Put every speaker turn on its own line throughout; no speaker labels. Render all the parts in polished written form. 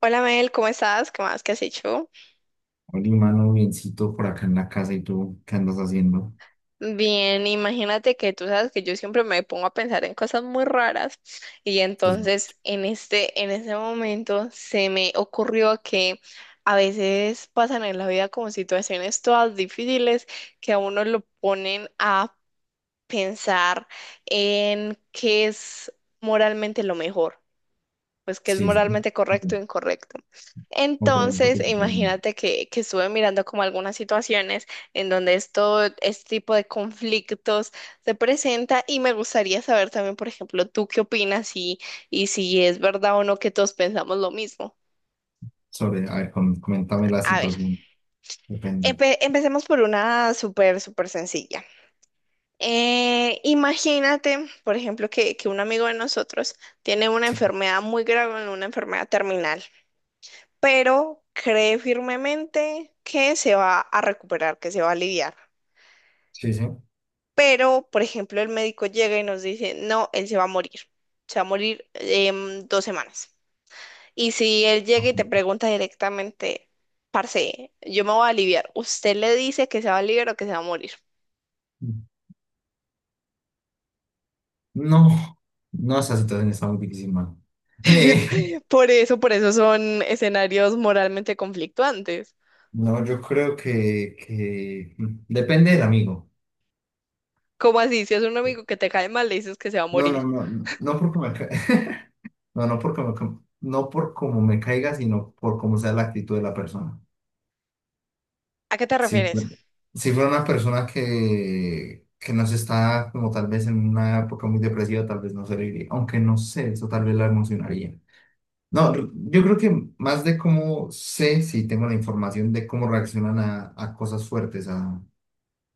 Hola Mel, ¿cómo estás? ¿Qué más? ¿Qué has hecho?
Oli, mano, biencito por acá en la casa y tú, ¿qué andas haciendo?
Bien, imagínate que tú sabes que yo siempre me pongo a pensar en cosas muy raras y
Sí,
entonces en ese momento se me ocurrió que a veces pasan en la vida como situaciones todas difíciles que a uno lo ponen a pensar en qué es moralmente lo mejor, pues que es
sí, sí.
moralmente correcto o incorrecto.
O por ejemplo, que
Entonces, imagínate que estuve mirando como algunas situaciones en donde este tipo de conflictos se presenta, y me gustaría saber también, por ejemplo, tú qué opinas, y si es verdad o no que todos pensamos lo mismo.
sobre, a ver, coméntame la
A ver,
situación, depende.
empecemos por una súper, súper sencilla. Imagínate, por ejemplo, que un amigo de nosotros tiene una
Sí,
enfermedad muy grave, una enfermedad terminal. Pero cree firmemente que se va a recuperar, que se va a aliviar.
sí, sí.
Pero, por ejemplo, el médico llega y nos dice, no, él se va a morir, se va a morir en 2 semanas. Y si él llega y
Ajá.
te pregunta directamente, parce, yo me voy a aliviar, ¿usted le dice que se va a aliviar o que se va a morir?
No, no, esa situación está muy difícil, mano.
Por eso son escenarios moralmente conflictuantes.
No, yo creo que, depende del amigo.
¿Cómo así? Si es un amigo que te cae mal, le dices que se va a
No, no,
morir.
no, no, no porque no, no porque no por cómo me caiga, sino por cómo sea la actitud de la persona.
¿A qué te
Sí,
refieres?
sí fue una persona que no se está como tal vez en una época muy depresiva, tal vez no se le iría, aunque no sé, eso tal vez la emocionaría. No, yo creo que más de cómo sé, si tengo la información de cómo reaccionan a, cosas fuertes, a,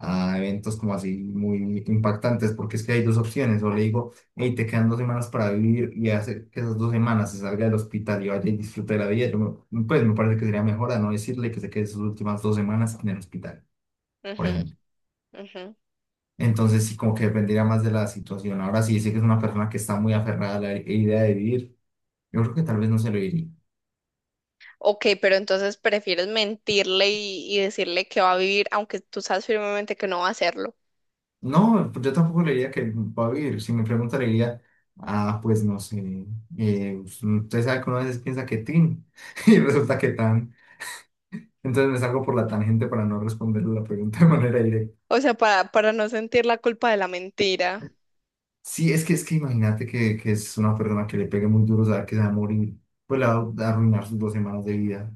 eventos como así muy impactantes, porque es que hay dos opciones, o le digo, hey, te quedan 2 semanas para vivir y hace que esas 2 semanas se salga del hospital y vaya y disfrute de la vida, yo pues me parece que sería mejor a no decirle que se quede sus últimas 2 semanas en el hospital, por
Ujú,
ejemplo.
ujú.
Entonces sí, como que dependería más de la situación. Ahora sí, dice que es una persona que está muy aferrada a la idea de vivir. Yo creo que tal vez no se lo diría.
Ok, pero entonces prefieres mentirle y decirle que va a vivir, aunque tú sabes firmemente que no va a hacerlo.
No, pues yo tampoco le diría que va a vivir. Si me pregunta, le diría, ah, pues no sé, usted sabe que una vez piensa que tin y resulta que tan. Entonces me salgo por la tangente para no responderle la pregunta de manera directa.
O sea, para no sentir la culpa de la mentira.
Sí, es que imagínate que es una persona que le pegue muy duro saber que se va a morir, pues le va a arruinar sus 2 semanas de vida.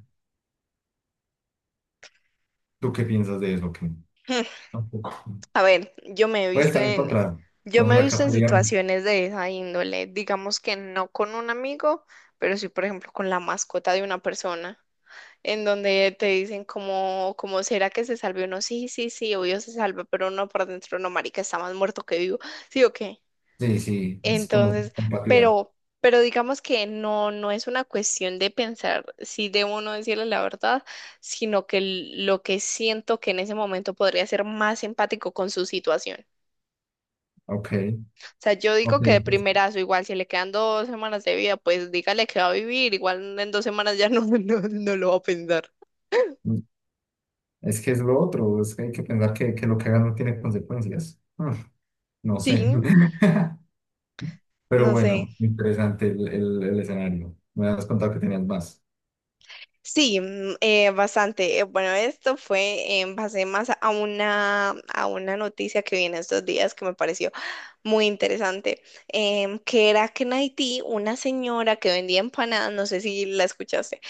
¿Tú qué piensas de eso? ¿Qué?
Hmm,
Tampoco.
a ver,
Puede estar encontrado.
yo me he
Podemos acá
visto en
apoyarnos.
situaciones de esa índole, digamos que no con un amigo, pero sí, por ejemplo, con la mascota de una persona, en donde te dicen como será que se salve uno, sí, sí, sí, obvio se salva, pero uno por dentro, no, marica, está más muerto que vivo, sí o qué.
Sí, sí, es como
Entonces,
compatibilidad.
pero, pero digamos que no es una cuestión de pensar si debo o no decirle la verdad, sino que lo que siento que en ese momento podría ser más empático con su situación.
Ok,
O sea, yo
ok,
digo que de
pues,
primerazo, igual si le quedan 2 semanas de vida, pues dígale que va a vivir, igual en 2 semanas ya no, no, no lo va a pensar.
mm, es que es lo otro, es que hay que pensar que, lo que hagan no tiene consecuencias. No
Sí,
sé. Pero
no sé.
bueno, interesante el, el escenario. Me has contado que tenías más.
Sí, bastante. Bueno, esto fue en base más a una noticia que viene estos días que me pareció muy interesante, que era que en Haití una señora que vendía empanadas, no sé si la escuchaste.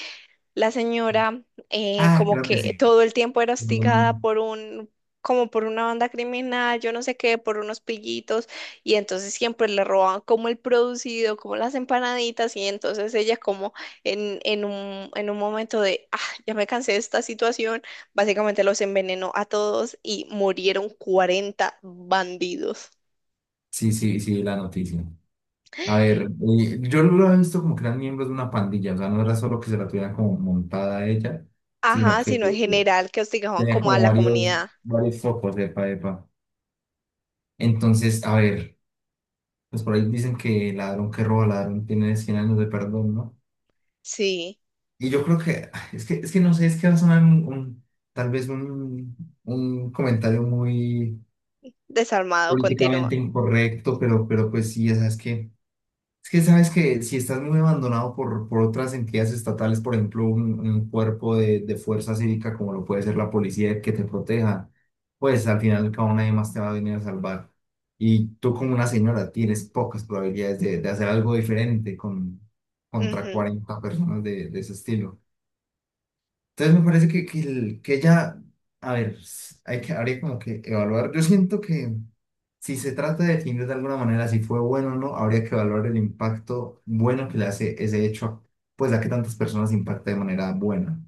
La señora,
Ah,
como
creo que
que
sí.
todo el tiempo era hostigada
Mm.
por un, como por una banda criminal, yo no sé qué, por unos pillitos, y entonces siempre le robaban como el producido, como las empanaditas, y entonces ella como en un momento de, ah, ya me cansé de esta situación, básicamente los envenenó a todos y murieron 40 bandidos.
Sí, sí, sí, la noticia. A ver, yo lo he visto como que eran miembros de una pandilla, o sea, no era solo que se la tuvieran como montada a ella, sino
Ajá,
que
sino en general que hostigaban
tenía
como a
como
la
varios,
comunidad.
focos, epa, epa. Entonces, a ver, pues por ahí dicen que ladrón que roba, ladrón tiene 100 años de perdón, ¿no?
Sí,
Y yo creo que, es que, es que no sé, es que va a sonar tal vez un comentario muy
desarmado,
políticamente
continúa.
incorrecto, pero, pues sí, o sea, es que es que sabes que si estás muy abandonado por, otras entidades estatales, por ejemplo, un, cuerpo de, fuerza cívica como lo puede ser la policía que te proteja, pues al final cada nadie más te va a venir a salvar. Y tú como una señora tienes pocas probabilidades de, hacer algo diferente contra
Ujú,
40 personas de, ese estilo. Entonces me parece que, ella, a ver, hay habría como que evaluar. Yo siento que si se trata de definir de alguna manera si fue bueno o no, habría que evaluar el impacto bueno que le hace ese hecho, pues a que tantas personas impacta de manera buena.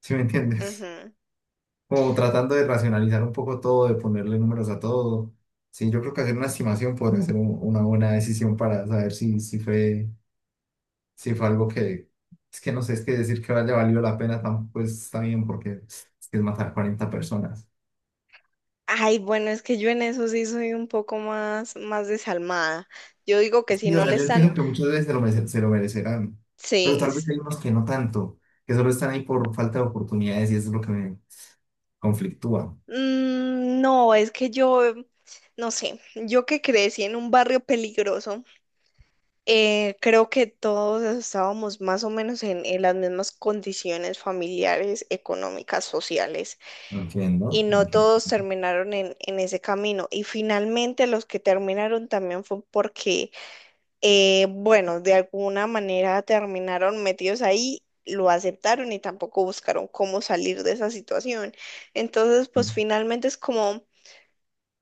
¿Sí me entiendes?
ujú.
Como tratando de racionalizar un poco todo, de ponerle números a todo. Sí, yo creo que hacer una estimación podría ser una buena decisión para saber si, fue sí fue algo que, es que no sé, es que decir que haya valido la pena tampoco está bien porque es que es matar 40 personas.
Ay, bueno, es que yo en eso sí soy un poco más, más desalmada. Yo digo que si
Y, o
no
sea,
le
yo
están,
entiendo que muchas veces se lo, se lo merecerán, pero
sí.
tal vez
Es...
hay unos que no tanto, que solo están ahí por falta de oportunidades y eso es lo que me conflictúa.
No, es que yo, no sé, yo que crecí en un barrio peligroso, creo que todos estábamos más o menos en las mismas condiciones familiares, económicas, sociales, y
Entiendo,
no
entiendo.
todos terminaron en ese camino. Y finalmente los que terminaron también fue porque bueno, de alguna manera terminaron metidos ahí, lo aceptaron y tampoco buscaron cómo salir de esa situación. Entonces,
Es
pues finalmente es como,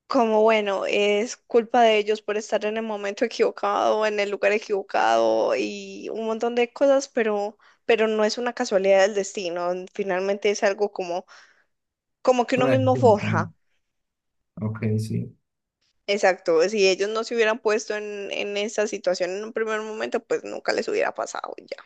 como bueno, es culpa de ellos por estar en el momento equivocado, en el lugar equivocado y un montón de cosas, pero no es una casualidad del destino. Finalmente es algo como, como que uno
una
mismo
decisión
forja.
también. Ok, sí.
Exacto, si ellos no se hubieran puesto en esa situación en un primer momento, pues nunca les hubiera pasado y ya.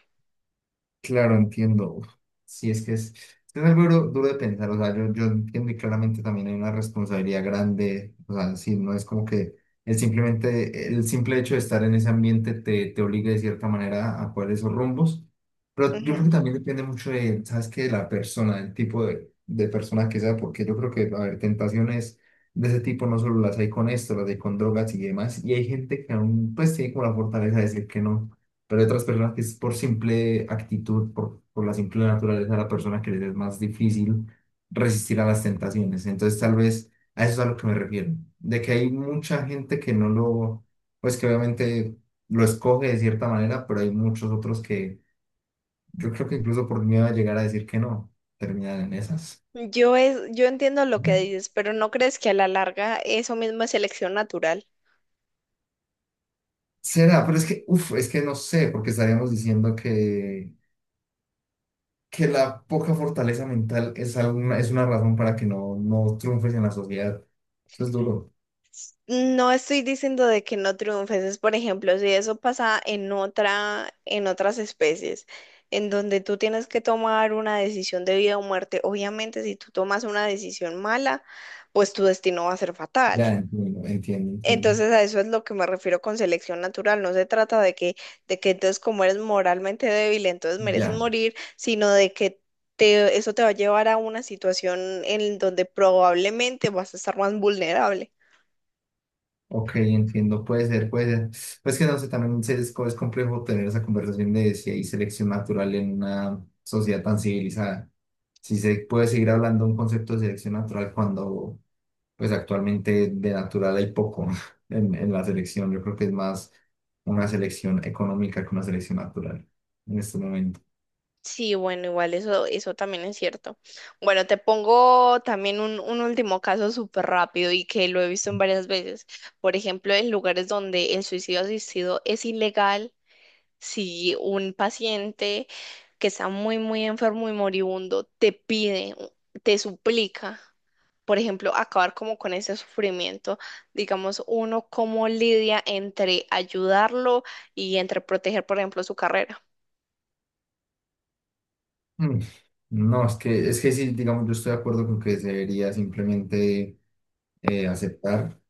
Claro, entiendo. Uf, sí, es que es algo duro, duro de pensar. O sea, yo entiendo y claramente también hay una responsabilidad grande. O sea, sí, no es como que el simplemente, el simple hecho de estar en ese ambiente te, obligue de cierta manera a poder esos rumbos. Pero yo creo
Ujú.
que también depende mucho de, ¿sabes qué? De la persona, el tipo de, persona que sea, porque yo creo que, a ver, tentaciones de ese tipo no solo las hay con esto, las hay con drogas y demás. Y hay gente que aún, pues, tiene como la fortaleza de decir que no. Pero hay otras personas que es por simple actitud, por, la simple naturaleza de la persona que les es más difícil resistir a las tentaciones. Entonces, tal vez a eso es a lo que me refiero, de que hay mucha gente que no lo, pues que obviamente lo escoge de cierta manera, pero hay muchos otros que yo creo que incluso por miedo a llegar a decir que no, terminan en esas.
Yo entiendo lo que dices, pero ¿no crees que a la larga eso mismo es selección natural?
Será, pero es que, uff, es que no sé, porque estaríamos diciendo que la poca fortaleza mental es, alguna, es una razón para que no, triunfes en la sociedad. Eso es duro.
No estoy diciendo de que no triunfes, es por ejemplo, si eso pasa en otra, en otras especies, en donde tú tienes que tomar una decisión de vida o muerte, obviamente si tú tomas una decisión mala, pues tu destino va a ser fatal.
Ya entiendo, entiendo, entiendo.
Entonces a eso es lo que me refiero con selección natural, no se trata de que entonces como eres moralmente débil, entonces mereces
Ya,
morir, sino de que eso te va a llevar a una situación en donde probablemente vas a estar más vulnerable.
ok, entiendo. Puede ser, puede ser. Pues que no sé, también es complejo tener esa conversación de si hay selección natural en una sociedad tan civilizada. Si se puede seguir hablando de un concepto de selección natural cuando, pues actualmente de natural hay poco en, la selección. Yo creo que es más una selección económica que una selección natural en este momento.
Sí, bueno, igual eso, eso también es cierto. Bueno, te pongo también un último caso súper rápido y que lo he visto en varias veces. Por ejemplo, en lugares donde el suicidio asistido es ilegal, si un paciente que está muy, muy enfermo y moribundo te pide, te suplica, por ejemplo, acabar como con ese sufrimiento, digamos, uno cómo lidia entre ayudarlo y entre proteger, por ejemplo, su carrera.
Mm. No, es que, sí, digamos, yo estoy de acuerdo con que se debería simplemente aceptar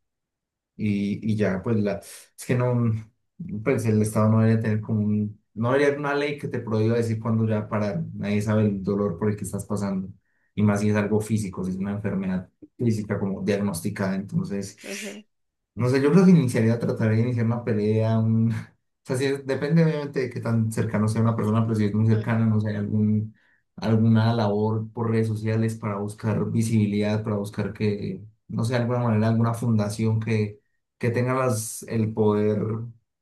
y, ya, pues la, es que no, pues el Estado no debería tener como no debería haber una ley que te prohíba decir cuándo ya parar, nadie sabe el dolor por el que estás pasando, y más si es algo físico, si es una enfermedad física como diagnosticada, entonces
Ujú,
no sé, yo creo que iniciaría, trataría de iniciar una pelea, un... O sea, sí, depende obviamente de qué tan cercano sea una persona, pero si es muy
ujú,
cercana, no sé, algún, alguna labor por redes sociales para buscar visibilidad, para buscar que, no sé, de alguna manera, alguna fundación que, tenga las, el poder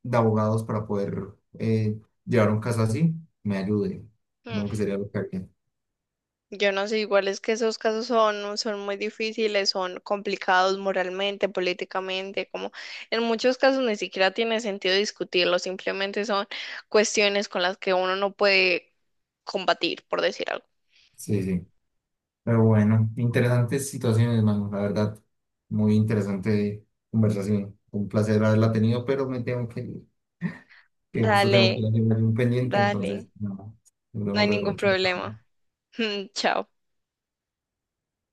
de abogados para poder eh, llevar un caso así, me ayude. Como que
ujú.
sería lo que haría.
Yo no sé, igual es que esos casos son, son muy difíciles, son complicados moralmente, políticamente, como en muchos casos ni siquiera tiene sentido discutirlo, simplemente son cuestiones con las que uno no puede combatir, por decir algo.
Sí, sí. Pero bueno, interesantes situaciones, mano, la verdad. Muy interesante conversación. Un placer haberla tenido, pero me tengo que justo tengo que ir
Dale,
a hacer un pendiente,
dale,
entonces, nada, nos
no
vemos
hay
luego.
ningún
Chao, chao.
problema. Chao.